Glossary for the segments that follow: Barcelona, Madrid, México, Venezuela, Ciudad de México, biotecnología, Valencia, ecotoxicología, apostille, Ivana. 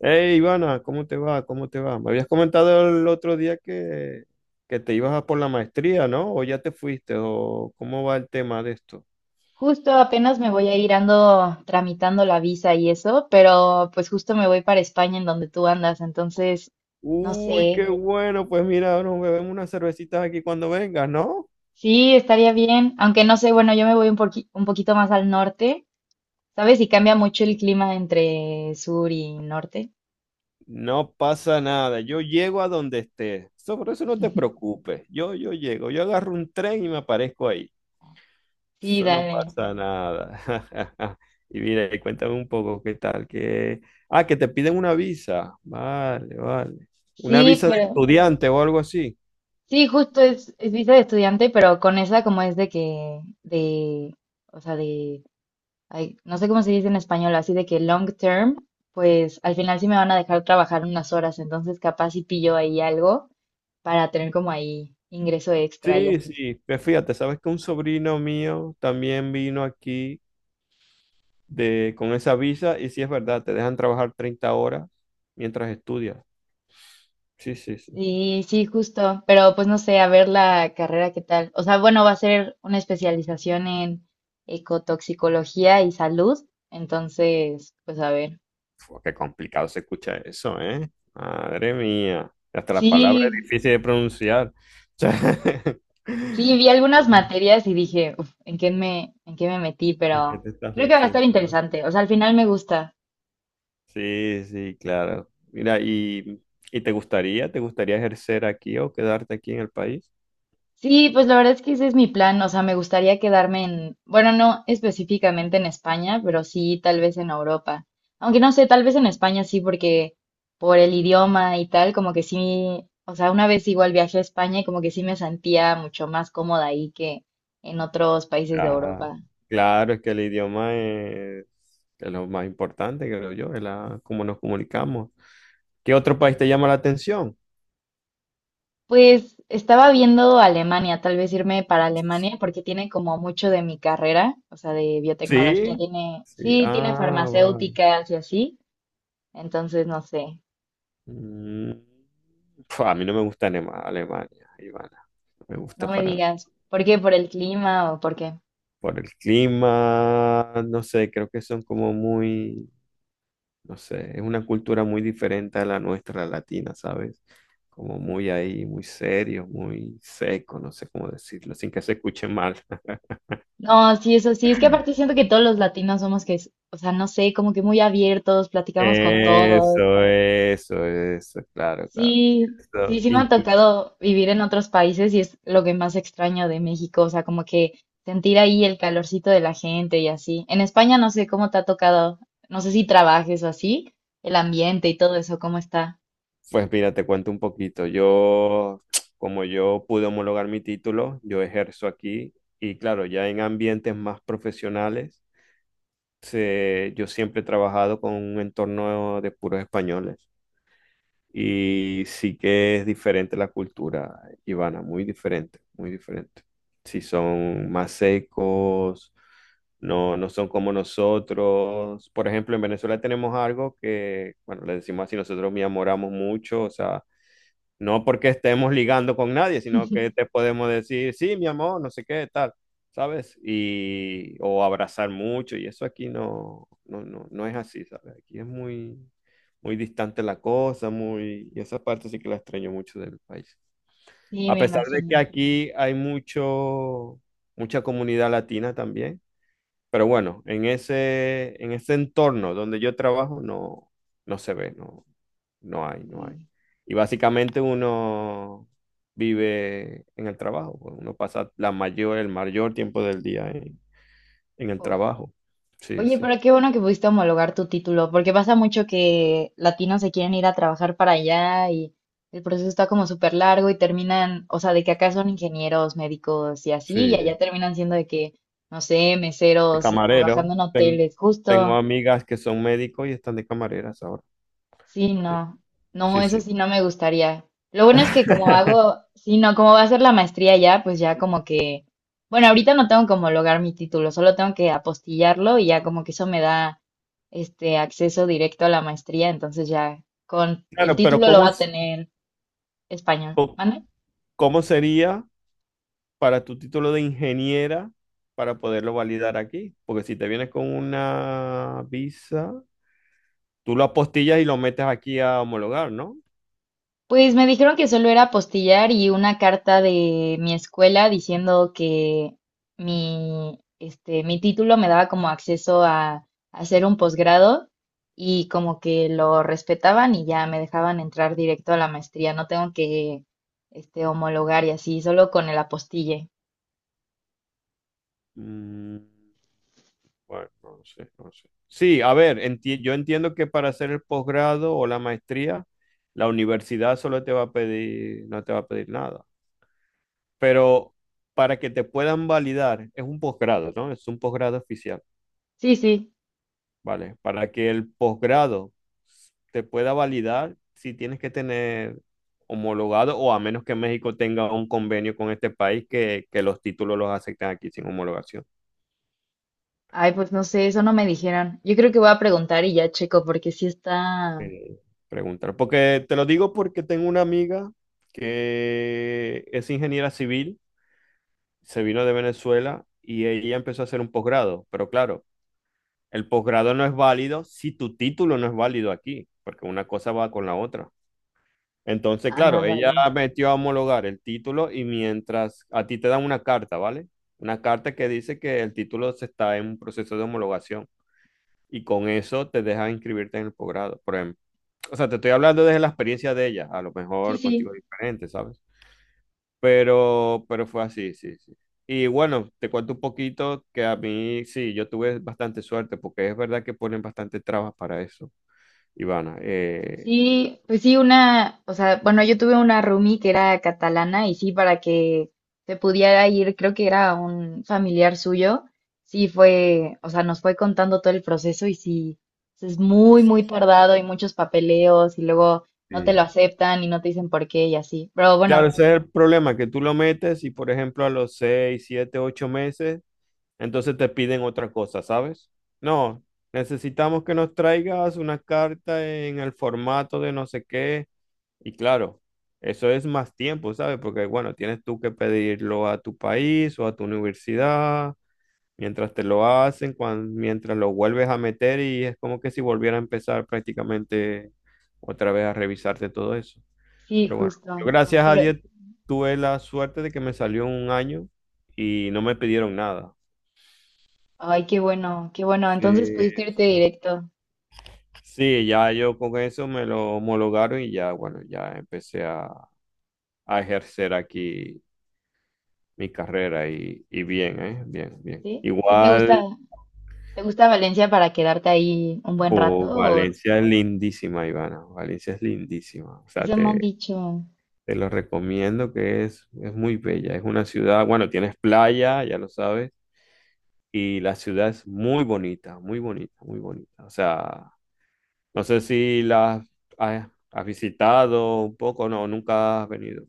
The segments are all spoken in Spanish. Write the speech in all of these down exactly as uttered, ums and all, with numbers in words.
Hey, Ivana, ¿cómo te va? ¿Cómo te va? Me habías comentado el otro día que, que te ibas a por la maestría, ¿no? ¿O ya te fuiste? ¿O cómo va el tema de esto? Justo apenas me voy a ir, ando tramitando la visa y eso, pero pues justo me voy para España en donde tú andas, entonces no Uy, qué sé. bueno. Pues mira, nos bebemos unas cervecitas aquí cuando vengas, ¿no? Sí, estaría bien, aunque no sé, bueno, yo me voy un poqui- un poquito más al norte, ¿sabes? Y cambia mucho el clima entre sur y norte. No pasa nada. Yo llego a donde estés. Sobre eso no te preocupes. Yo, yo llego. Yo agarro un tren y me aparezco ahí. Sí, Eso no dale. pasa nada. Y mira, y cuéntame un poco qué tal, que... Ah, que te piden una visa. Vale, vale. Una Sí, visa de pero estudiante o algo así. sí, justo es, es visa de estudiante, pero con esa como es de que, de, o sea, de ay, no sé cómo se dice en español, así de que long term, pues al final sí me van a dejar trabajar unas horas, entonces capaz si pillo ahí algo para tener como ahí ingreso extra y Sí, así. sí. Pues fíjate, sabes que un sobrino mío también vino aquí de... con esa visa y sí es verdad, te dejan trabajar treinta horas mientras estudias. Sí, sí, sí. Sí, sí, justo, pero pues no sé, a ver la carrera qué tal. O sea, bueno, va a ser una especialización en ecotoxicología y salud, entonces, pues a ver. Fua, qué complicado se escucha eso, ¿eh? Madre mía. Hasta la Sí, palabra es difícil de pronunciar. sí, vi O algunas sea, materias y dije, "Uf, ¿en qué me, en qué me metí?" ¿En qué Pero te estás creo que va a estar metiendo? ¿No? interesante. O sea, al final me gusta. Sí, sí, claro. Mira, ¿y, y te gustaría, te gustaría ejercer aquí o quedarte aquí en el país? Sí, pues la verdad es que ese es mi plan, o sea, me gustaría quedarme en, bueno, no específicamente en España, pero sí tal vez en Europa. Aunque no sé, tal vez en España sí, porque por el idioma y tal, como que sí, o sea, una vez igual viajé a España y como que sí me sentía mucho más cómoda ahí que en otros países de Ah, Europa. claro, es que el idioma es, es lo más importante, creo yo, es la, cómo nos comunicamos. ¿Qué otro país te llama la atención? Pues estaba viendo Alemania, tal vez irme para Alemania porque tiene como mucho de mi carrera, o sea, de Sí. biotecnología, tiene, Sí, sí, tiene ah, vale. farmacéuticas y así, entonces no sé. Mm, pf, a mí no me gusta Alema- Alemania, Ivana, no me No gusta me para. digas, ¿por qué? ¿Por el clima o por qué? Por el clima, no sé, creo que son como muy... no sé, es una cultura muy diferente a la nuestra latina, ¿sabes? Como muy ahí, muy serio, muy seco, no sé cómo decirlo, sin que se escuche mal. No, sí, eso sí, es que aparte siento que todos los latinos somos que, es- o sea, no sé, como que muy abiertos, platicamos con todos. Eso, eso, eso, claro, claro. Sí, sí, Eso, sí me ha inclu- tocado vivir en otros países y es lo que más extraño de México, o sea, como que sentir ahí el calorcito de la gente y así. En España no sé cómo te ha tocado, no sé si trabajes o así, el ambiente y todo eso, ¿cómo está? pues mira, te cuento un poquito. Yo, como yo pude homologar mi título, yo ejerzo aquí y claro, ya en ambientes más profesionales, se- yo siempre he trabajado con un entorno de puros españoles. Y sí que es diferente la cultura, Ivana, muy diferente, muy diferente. Si son más secos, no, no son como nosotros. Por ejemplo, en Venezuela tenemos algo que, bueno, le decimos así, nosotros me enamoramos mucho, o sea, no porque estemos ligando con nadie, sino que te podemos decir, sí, mi amor, no sé qué, tal, ¿sabes? Y, o abrazar mucho, y eso aquí no, no, no, no es así, ¿sabes? Aquí es muy, muy distante la cosa, muy, y esa parte sí que la extraño mucho del país. Sí, A me pesar de que imagino. aquí hay mucho, mucha comunidad latina también, pero bueno, en ese, en ese entorno donde yo trabajo no, no se ve, no, no hay, no hay. Mm. Y básicamente uno vive en el trabajo, pues, uno pasa la mayor, el mayor tiempo del día en, en el trabajo. Sí, Oye, sí, pero qué bueno que pudiste homologar tu título, porque pasa mucho que latinos se quieren ir a trabajar para allá y el proceso está como súper largo y terminan, o sea, de que acá son ingenieros, médicos y sí. así, y allá De terminan siendo de que, no sé, meseros, camarero, trabajando en ten- hoteles, tengo justo. amigas que son médicos y están de camareras ahora. Sí, Sí, no, no, sí, eso sí. sí no me gustaría. Lo bueno es que como hago, sí, no, como va a ser la maestría ya, pues ya como que, bueno, ahorita no tengo como lograr mi título, solo tengo que apostillarlo y ya como que eso me da este acceso directo a la maestría, entonces ya con el Claro, pero título lo ¿cómo, va a s- tener español. co- ¿Mande? cómo sería para tu título de ingeniera para poderlo validar aquí? Porque si te vienes con una visa, tú lo apostillas y lo metes aquí a homologar, ¿no? Pues me dijeron que solo era apostillar y una carta de mi escuela diciendo que mi, este, mi título me daba como acceso a hacer un posgrado y como que lo respetaban y ya me dejaban entrar directo a la maestría. No tengo que, este, homologar y así, solo con el apostille. Mm, bueno, no sé, no sé. Sí, a ver, enti- yo entiendo que para hacer el posgrado o la maestría, la universidad solo te va a pedir, no te va a pedir nada. Pero para que te puedan validar, es un posgrado, ¿no? Es un posgrado oficial, Sí, sí. ¿vale? Para que el posgrado te pueda validar si tienes que tener homologado, o a menos que México tenga un convenio con este país que, que los títulos los acepten aquí sin homologación. Ay, pues no sé, eso no me dijeron. Yo creo que voy a preguntar y ya checo porque sí está... Eh, preguntar, porque te lo digo porque tengo una amiga que es ingeniera civil, se vino de Venezuela y ella empezó a hacer un posgrado, pero claro, el posgrado no es válido si tu título no es válido aquí, porque una cosa va con la otra. Entonces, Ah, claro, ella vale. metió a homologar el título y mientras a ti te dan una carta, ¿vale? Una carta que dice que el título se está en un proceso de homologación y con eso te deja inscribirte en el posgrado, por ejemplo. O sea, te estoy hablando desde la experiencia de ella, a lo Sí, mejor contigo sí. es diferente, ¿sabes? Pero, pero fue así, sí, sí. Y bueno, te cuento un poquito que a mí sí, yo tuve bastante suerte porque es verdad que ponen bastante trabas para eso, Ivana. Eh, Sí, pues sí, una, o sea, bueno, yo tuve una roomie que era catalana y sí, para que se pudiera ir, creo que era un familiar suyo, sí fue, o sea, nos fue contando todo el proceso y sí, es muy, muy tardado y muchos papeleos y luego no te sí. lo aceptan y no te dicen por qué y así. Pero Claro, bueno, ese es el problema, que tú lo metes y, por ejemplo, a los seis, siete, ocho meses, entonces te piden otra cosa, ¿sabes? No, necesitamos que nos traigas una carta en el formato de no sé qué. Y claro, eso es más tiempo, ¿sabes? Porque, bueno, tienes tú que pedirlo a tu país o a tu universidad, mientras te lo hacen, cuan- mientras lo vuelves a meter y es como que si volviera a empezar prácticamente otra vez a revisarte todo eso. sí, Pero bueno, yo justo. gracias a Pero, Dios tuve la suerte de que me salió en un año y no me pidieron nada. ay, qué bueno, qué bueno. Sí, Entonces pudiste irte sí. directo, Sí, ya yo con eso me lo homologaron y ya, bueno, ya empecé a, a ejercer aquí mi carrera y, y bien, ¿eh? Bien, bien. ¿sí? ¿Sí te gusta, Igual, te gusta Valencia para quedarte ahí un buen rato po, o Valencia es lindísima, Ivana. Valencia es lindísima. O sea, eso me han te, dicho? te lo recomiendo que es, es muy bella. Es una ciudad, bueno, tienes playa, ya lo sabes. Y la ciudad es muy bonita, muy bonita, muy bonita. O sea, no sé si la has, has visitado un poco, no, nunca has venido.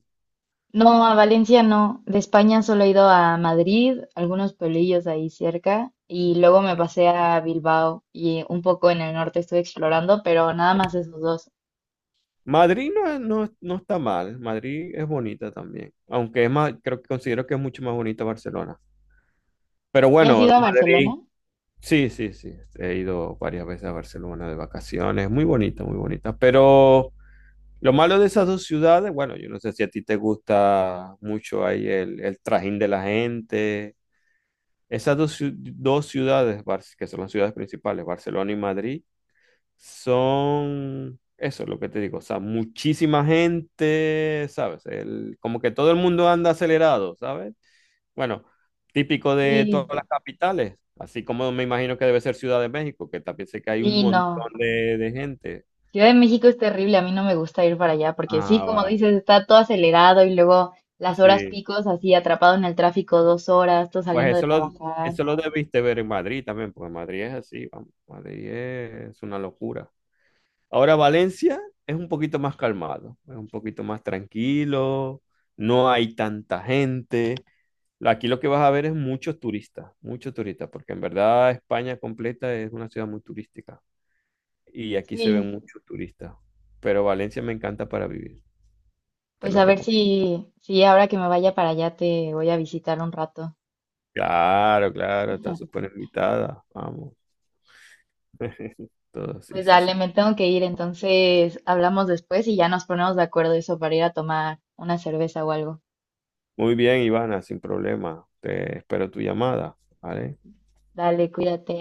No, a Valencia no. De España solo he ido a Madrid, algunos pueblillos ahí cerca, y luego me pasé a Bilbao y un poco en el norte estuve explorando, pero nada más esos dos. Madrid no, es- no, no está mal, Madrid es bonita también, aunque es más, creo que considero que es mucho más bonita Barcelona. Pero ¿Ya has ido bueno, a Barcelona? Madrid, sí, sí, sí, he ido varias veces a Barcelona de vacaciones, muy bonita, muy bonita. Pero lo malo de esas dos ciudades, bueno, yo no sé si a ti te gusta mucho ahí el, el trajín de la gente. Esas dos, ciu- dos ciudades, Bar- que son las ciudades principales, Barcelona y Madrid, son, eso es lo que te digo, o sea, muchísima gente, ¿sabes? El- como que todo el mundo anda acelerado, ¿sabes? Bueno, típico de todas Sí, las capitales, así como me imagino que debe ser Ciudad de México, que también sé que hay un sí, no. montón de, de gente. Ciudad de México es terrible, a mí no me gusta ir para allá porque sí, Ah, como va, dices, está todo acelerado y luego las horas sí. picos así atrapado en el tráfico dos horas, tú saliendo Pues de eso lo, trabajar. eso lo debiste ver en Madrid también, porque Madrid es así, vamos, Madrid es una locura. Ahora Valencia es un poquito más calmado, es un poquito más tranquilo, no hay tanta gente. Aquí lo que vas a ver es muchos turistas, muchos turistas, porque en verdad España completa es una ciudad muy turística y aquí se Sí, ven muchos turistas. Pero Valencia me encanta para vivir, te pues lo a ver recomiendo. si, si ahora que me vaya para allá te voy a visitar un rato. Claro, claro, está súper invitada, vamos. Todo, sí, Pues sí, dale, sí. me tengo que ir, entonces hablamos después y ya nos ponemos de acuerdo eso para ir a tomar una cerveza o algo. Muy bien, Ivana, sin problema. Te espero tu llamada, ¿vale? Dale, cuídate.